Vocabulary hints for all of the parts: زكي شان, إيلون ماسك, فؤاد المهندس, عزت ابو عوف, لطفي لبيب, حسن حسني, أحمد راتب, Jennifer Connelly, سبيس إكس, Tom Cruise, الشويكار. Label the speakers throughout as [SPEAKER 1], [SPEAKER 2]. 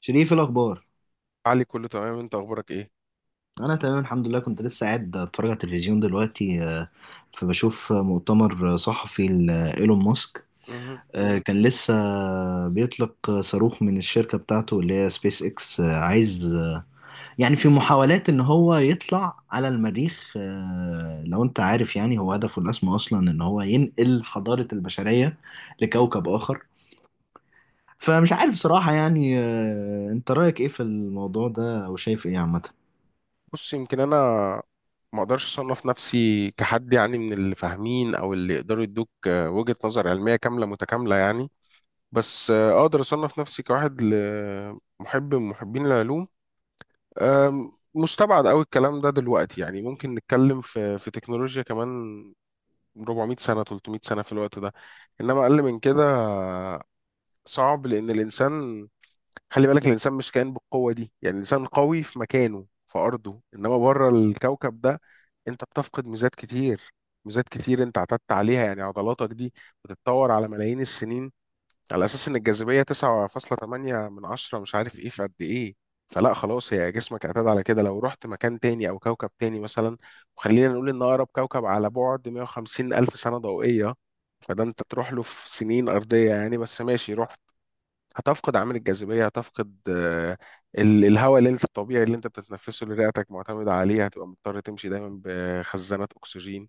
[SPEAKER 1] شريف الأخبار.
[SPEAKER 2] علي، كله تمام؟ انت اخبارك ايه؟
[SPEAKER 1] أنا تمام الحمد لله، كنت لسه قاعد أتفرج على التلفزيون دلوقتي. فبشوف مؤتمر صحفي لإيلون ماسك.
[SPEAKER 2] مهم.
[SPEAKER 1] كان لسه بيطلق صاروخ من الشركة بتاعته اللي هي سبيس إكس. عايز يعني في محاولات إن هو يطلع على المريخ. لو أنت عارف، يعني هو هدفه الأسمى أصلا إن هو ينقل حضارة البشرية لكوكب آخر. فمش عارف صراحة، أنت رأيك إيه في الموضوع ده، أو شايف إيه عامة؟
[SPEAKER 2] بص، يمكن انا ما اقدرش اصنف نفسي كحد، يعني من اللي فاهمين او اللي يقدروا يدوك وجهة نظر علمية كاملة متكاملة، يعني. بس اقدر اصنف نفسي كواحد محب من محبين العلوم. مستبعد قوي الكلام ده دلوقتي، يعني ممكن نتكلم في تكنولوجيا كمان 400 سنة، 300 سنة في الوقت ده. انما اقل من كده صعب، لان الانسان، خلي بالك الانسان مش كائن بالقوه دي، يعني الانسان قوي في مكانه في ارضه، انما بره الكوكب ده انت بتفقد ميزات كتير، ميزات كتير انت اعتدت عليها، يعني عضلاتك دي بتتطور على ملايين السنين على اساس ان الجاذبيه 9.8 من 10، مش عارف ايه في قد ايه. فلا خلاص، هي جسمك اعتاد على كده. لو رحت مكان تاني او كوكب تاني مثلا، وخلينا نقول ان اقرب كوكب على بعد 150 الف سنه ضوئيه، فده انت تروح له في سنين ارضيه، يعني بس ماشي روح. هتفقد عامل الجاذبية، هتفقد الهواء اللي انت الطبيعي اللي انت بتتنفسه اللي رئتك معتمدة عليه، هتبقى مضطر تمشي دايما بخزانات أكسجين.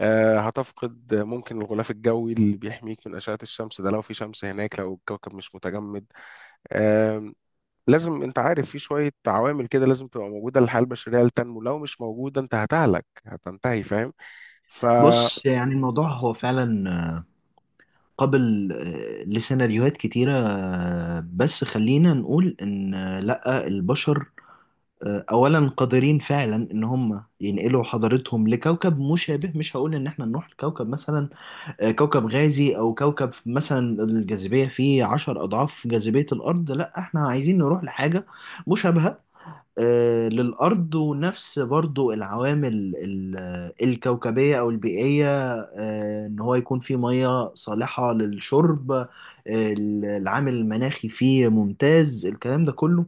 [SPEAKER 2] هتفقد ممكن الغلاف الجوي اللي بيحميك من أشعة الشمس ده، لو في شمس هناك، لو الكوكب مش متجمد. آم، لازم انت عارف في شوية عوامل كده لازم تبقى موجودة للحياة البشرية لتنمو، لو مش موجودة انت هتهلك هتنتهي، فاهم؟ ف
[SPEAKER 1] بص، يعني الموضوع هو فعلا قابل لسيناريوهات كتيرة. بس خلينا نقول إن لأ، البشر أولا قادرين فعلا إن هم ينقلوا حضارتهم لكوكب مشابه. مش هقول إن إحنا نروح لكوكب مثلا كوكب غازي، أو كوكب مثلا الجاذبية فيه عشر أضعاف جاذبية الأرض. لأ، إحنا عايزين نروح لحاجة مشابهة للأرض، ونفس برضو العوامل الكوكبية أو البيئية. إن هو يكون فيه مية صالحة للشرب. العامل المناخي فيه ممتاز، الكلام ده كله.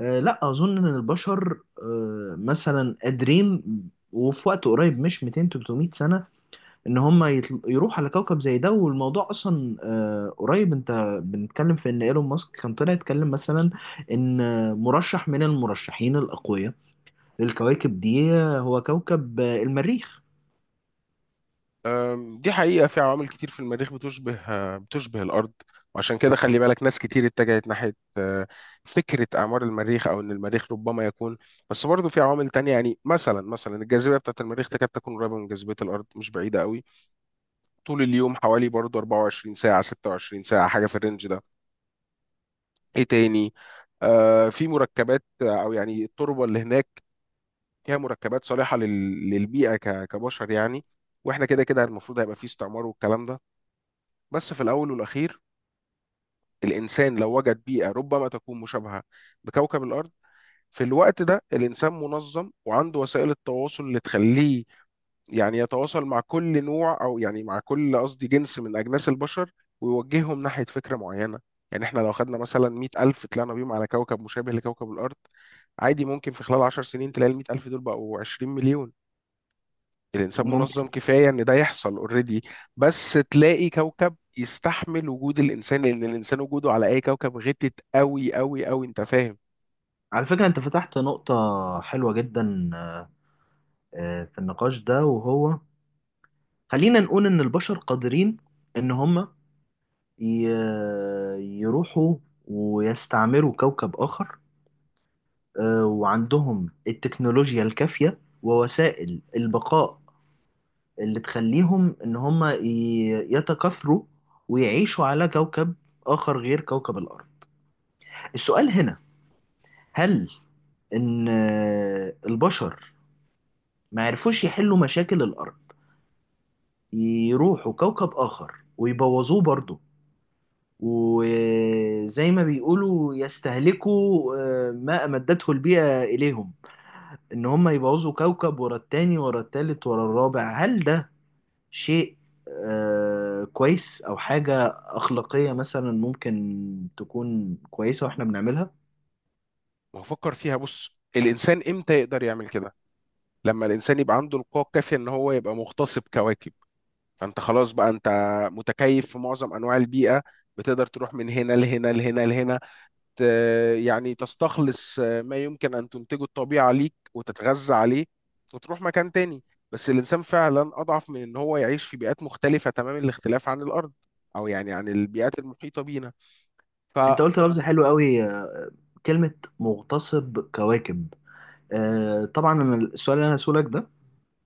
[SPEAKER 1] لا أظن إن البشر مثلا قادرين، وفي وقت قريب مش 200 300 سنة، إن هم يروحوا على كوكب زي ده. والموضوع أصلا قريب. أنت بنتكلم في إن إيلون ماسك كان طلع يتكلم، مثلا إن مرشح من المرشحين الأقوياء الكواكب دي هو كوكب المريخ.
[SPEAKER 2] أم، دي حقيقة في عوامل كتير في المريخ بتشبه الأرض. وعشان كده خلي بالك ناس كتير اتجهت ناحية فكرة أعمار المريخ أو إن المريخ ربما يكون. بس برضه في عوامل تانية، يعني مثلا الجاذبية بتاعة المريخ تكاد تكون قريبة من جاذبية الأرض، مش بعيدة قوي. طول اليوم حوالي برضه 24 ساعة، 26 ساعة، حاجة في الرينج ده. إيه تاني؟ في مركبات أو يعني التربة اللي هناك فيها مركبات صالحة للبيئة كبشر، يعني. واحنا كده كده المفروض هيبقى في استعمار والكلام ده. بس في الأول والأخير، الإنسان لو وجد بيئة ربما تكون مشابهة بكوكب الأرض، في الوقت ده الإنسان منظم وعنده وسائل التواصل اللي تخليه يعني يتواصل مع كل نوع أو يعني مع كل، قصدي، جنس من أجناس البشر، ويوجههم ناحية فكرة معينة. يعني إحنا لو خدنا مثلا 100,000 ألف طلعنا بيهم على كوكب مشابه لكوكب الأرض، عادي ممكن في خلال 10 سنين تلاقي ال 100,000 ألف دول بقوا 20 مليون. الانسان
[SPEAKER 1] ممكن.
[SPEAKER 2] منظم كفايه ان ده يحصل اوريدي. بس تلاقي كوكب يستحمل وجود الانسان، لان الانسان وجوده على اي كوكب غتت قوي قوي قوي، انت فاهم؟
[SPEAKER 1] على فكرة، انت فتحت نقطة حلوة جدا في النقاش ده، وهو: خلينا نقول ان البشر قادرين ان هم ي- يروحوا ويستعمروا كوكب اخر، وعندهم التكنولوجيا الكافية ووسائل البقاء اللي تخليهم ان هم يتكاثروا ويعيشوا على كوكب اخر غير كوكب الارض. السؤال هنا، هل ان البشر ما عرفوش يحلوا مشاكل الارض يروحوا كوكب اخر ويبوظوه برضه، وزي ما بيقولوا يستهلكوا ما امدته البيئة اليهم، ان هم يبوظوا كوكب ورا التاني ورا التالت ورا الرابع؟ هل ده شيء كويس، او حاجة اخلاقية مثلا ممكن تكون كويسة واحنا بنعملها؟
[SPEAKER 2] ما هو فكر فيها، بص الانسان امتى يقدر يعمل كده؟ لما الانسان يبقى عنده القوه الكافيه ان هو يبقى مغتصب كواكب. فانت خلاص بقى، انت متكيف في معظم انواع البيئه، بتقدر تروح من هنا لهنا لهنا لهنا. يعني تستخلص ما يمكن أن تنتجه الطبيعة ليك وتتغذى عليه، وتروح مكان تاني. بس الإنسان فعلا أضعف من إن هو يعيش في بيئات مختلفة تمام الاختلاف عن الأرض، أو يعني عن البيئات المحيطة بينا. ف
[SPEAKER 1] انت قلت لفظ حلو قوي كلمة مغتصب كواكب. طبعا أنا السؤال اللي انا هسألك ده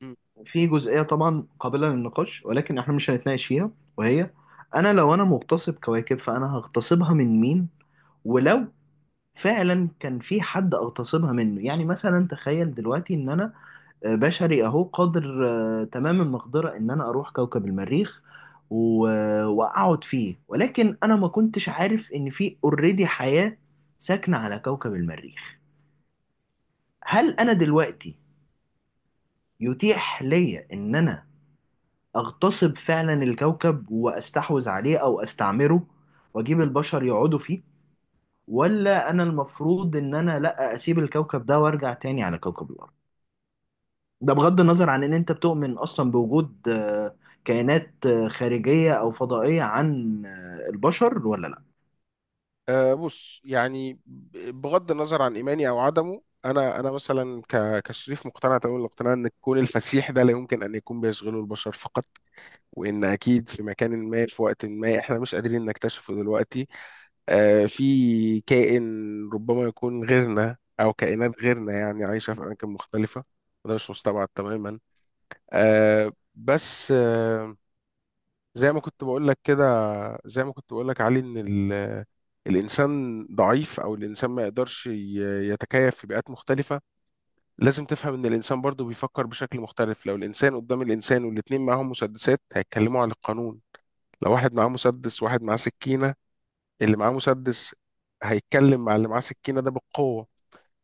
[SPEAKER 2] م،
[SPEAKER 1] في جزئيه طبعا قابله للنقاش، ولكن احنا مش هنتناقش فيها. وهي: انا لو انا مغتصب كواكب، فانا هغتصبها من مين؟ ولو فعلا كان في حد اغتصبها منه، يعني مثلا تخيل دلوقتي ان انا بشري اهو قادر تمام المقدره ان انا اروح كوكب المريخ واقعد فيه، ولكن انا ما كنتش عارف ان في اوريدي حياه ساكنه على كوكب المريخ. هل انا دلوقتي يتيح ليا ان انا اغتصب فعلا الكوكب واستحوذ عليه او استعمره، واجيب البشر يقعدوا فيه؟ ولا انا المفروض ان انا لا اسيب الكوكب ده وارجع تاني على كوكب الارض؟ ده بغض النظر عن ان انت بتؤمن اصلا بوجود كائنات خارجية او فضائية عن البشر ولا لا.
[SPEAKER 2] آه، بص، يعني بغض النظر عن إيماني أو عدمه، أنا مثلا كشريف مقتنع تمام الاقتناع إن الكون الفسيح ده لا يمكن أن يكون بيشغله البشر فقط، وإن أكيد في مكان ما، في وقت ما إحنا مش قادرين نكتشفه دلوقتي، في كائن ربما يكون غيرنا أو كائنات غيرنا يعني عايشة في أماكن مختلفة، وده مش مستبعد تماما. بس زي ما كنت بقول لك كده زي ما كنت بقول لك علي، إن الإنسان ضعيف، أو الإنسان ما يقدرش يتكيف في بيئات مختلفة. لازم تفهم إن الإنسان برضه بيفكر بشكل مختلف. لو الإنسان قدام الإنسان والاتنين معاهم مسدسات، هيتكلموا عن القانون. لو واحد معاه مسدس وواحد معاه سكينة، اللي معاه مسدس هيتكلم مع اللي معاه سكينة ده بالقوة.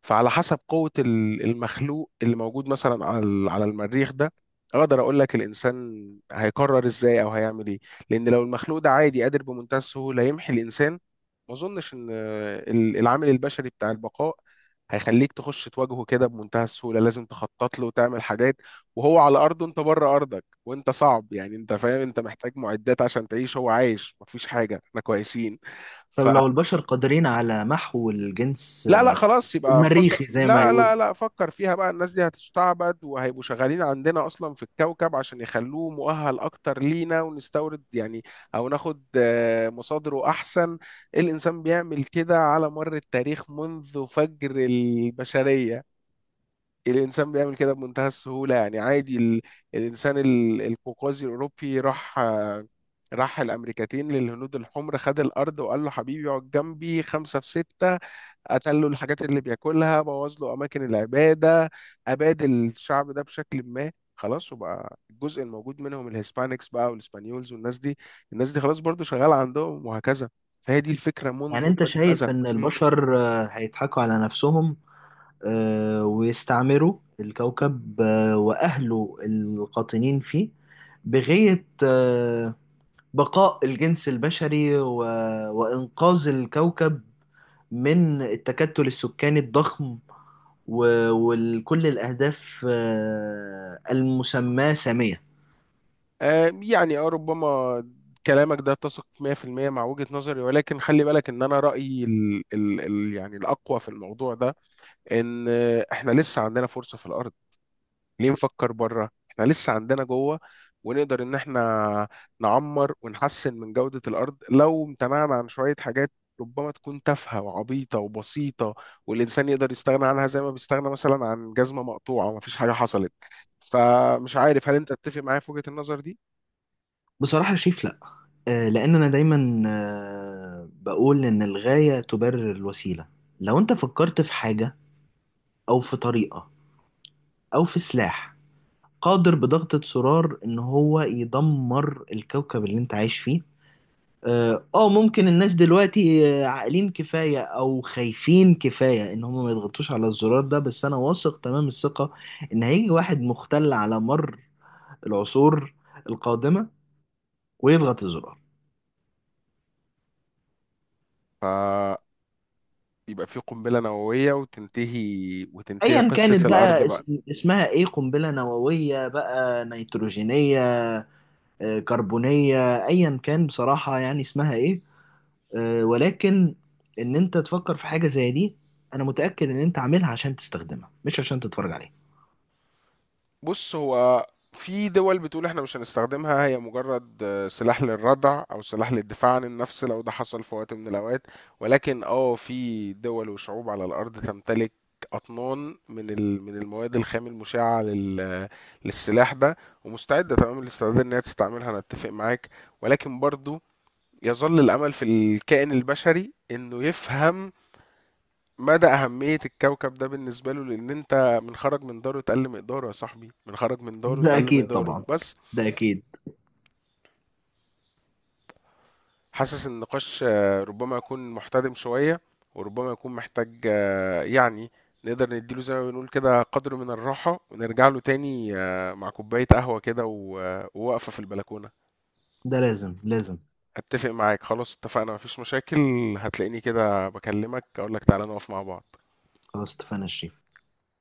[SPEAKER 2] فعلى حسب قوة المخلوق اللي موجود مثلا على على المريخ ده، اقدر اقول لك الانسان هيقرر ازاي او هيعمل ايه. لان لو المخلوق ده عادي قادر بمنتهى السهولة يمحي الانسان، ما اظنش ان العامل البشري بتاع البقاء هيخليك تخش تواجهه كده بمنتهى السهولة. لازم تخطط له وتعمل حاجات، وهو على أرضه، أنت بره أرضك. وأنت صعب، يعني أنت فاهم، أنت محتاج معدات عشان تعيش، هو عايش مفيش حاجة، إحنا كويسين.
[SPEAKER 1] طب
[SPEAKER 2] ف
[SPEAKER 1] لو البشر قادرين على محو الجنس
[SPEAKER 2] لا لا، خلاص يبقى فكر.
[SPEAKER 1] المريخي، زي ما
[SPEAKER 2] لا لا
[SPEAKER 1] يقول.
[SPEAKER 2] لا، فكر فيها بقى. الناس دي هتستعبد وهيبقوا شغالين عندنا اصلا في الكوكب عشان يخلوه مؤهل اكتر لينا، ونستورد يعني، او ناخد مصادره احسن. الانسان بيعمل كده على مر التاريخ منذ فجر البشرية. الانسان بيعمل كده بمنتهى السهولة، يعني عادي. الانسان القوقازي الاوروبي راح الامريكتين، للهنود الحمر، خد الارض وقال له حبيبي اقعد جنبي خمسة في ستة. قتل له الحاجات اللي بياكلها، بوظ له اماكن العباده، اباد الشعب ده بشكل ما، خلاص. وبقى الجزء الموجود منهم الهسبانكس بقى، والاسبانيولز، والناس دي. الناس دي خلاص برضو شغاله عندهم، وهكذا. فهي دي الفكره
[SPEAKER 1] يعني
[SPEAKER 2] منذ
[SPEAKER 1] انت
[SPEAKER 2] قديم الازل.
[SPEAKER 1] شايف ان
[SPEAKER 2] مم.
[SPEAKER 1] البشر هيضحكوا على نفسهم ويستعمروا الكوكب وأهله القاطنين فيه بغية بقاء الجنس البشري وإنقاذ الكوكب من التكتل السكاني الضخم، وكل الأهداف المسماة سامية.
[SPEAKER 2] ربما كلامك ده اتسق 100% مع وجهة نظري، ولكن خلي بالك ان انا رأيي ال يعني الاقوى في الموضوع ده، ان احنا لسه عندنا فرصة في الارض. ليه نفكر بره؟ احنا لسه عندنا جوه، ونقدر ان احنا نعمر ونحسن من جودة الارض لو امتنعنا عن شوية حاجات ربما تكون تافهة وعبيطة وبسيطة، والانسان يقدر يستغنى عنها زي ما بيستغنى مثلا عن جزمة مقطوعة ومفيش حاجة حصلت. فمش عارف، هل انت تتفق معايا في وجهة النظر دي؟
[SPEAKER 1] بصراحة شايف لأ. لأن أنا دايما بقول إن الغاية تبرر الوسيلة. لو أنت فكرت في حاجة، أو في طريقة، أو في سلاح قادر بضغطة زرار ان هو يدمر الكوكب اللي انت عايش فيه، اه، ممكن الناس دلوقتي عاقلين كفاية او خايفين كفاية ان هم ما يضغطوش على الزرار ده، بس انا واثق تمام الثقة ان هيجي واحد مختل على مر العصور القادمة ويضغط الزرار.
[SPEAKER 2] فيبقى في قنبلة نووية، وتنتهي
[SPEAKER 1] ايا
[SPEAKER 2] قصة
[SPEAKER 1] كانت
[SPEAKER 2] الارض
[SPEAKER 1] بقى
[SPEAKER 2] بقى.
[SPEAKER 1] اسمها ايه، قنبلة نووية بقى، نيتروجينية، كربونية، ايا كان بصراحة يعني اسمها ايه. ولكن ان انت تفكر في حاجه زي دي، انا متاكد ان انت عاملها عشان تستخدمها مش عشان تتفرج عليها.
[SPEAKER 2] بص هو في دول بتقول احنا مش هنستخدمها، هي مجرد سلاح للردع او سلاح للدفاع عن النفس لو ده حصل في وقت من الاوقات، ولكن في دول وشعوب على الارض تمتلك اطنان من من المواد الخام المشعه للسلاح ده، ومستعده تمام الاستعداد ان هي تستعملها. انا اتفق معاك، ولكن برضو يظل الامل في الكائن البشري انه يفهم مدى أهمية الكوكب ده بالنسبة له. لأن أنت، من خرج من داره اتقل مقداره، يا صاحبي من خرج من داره
[SPEAKER 1] ده
[SPEAKER 2] اتقل
[SPEAKER 1] اكيد
[SPEAKER 2] مقداره.
[SPEAKER 1] طبعا.
[SPEAKER 2] بس
[SPEAKER 1] ده اكيد.
[SPEAKER 2] حاسس إن النقاش ربما يكون محتدم شوية، وربما يكون محتاج يعني نقدر نديله زي ما بنقول كده قدر من الراحة، ونرجع له تاني مع كوباية قهوة كده ووقفة في البلكونة.
[SPEAKER 1] ده لازم لازم.
[SPEAKER 2] أتفق معاك، خلاص اتفقنا مفيش مشاكل. هتلاقيني كده بكلمك أقولك تعالى نقف مع بعض.
[SPEAKER 1] خلاص، اتفقنا يا شريف.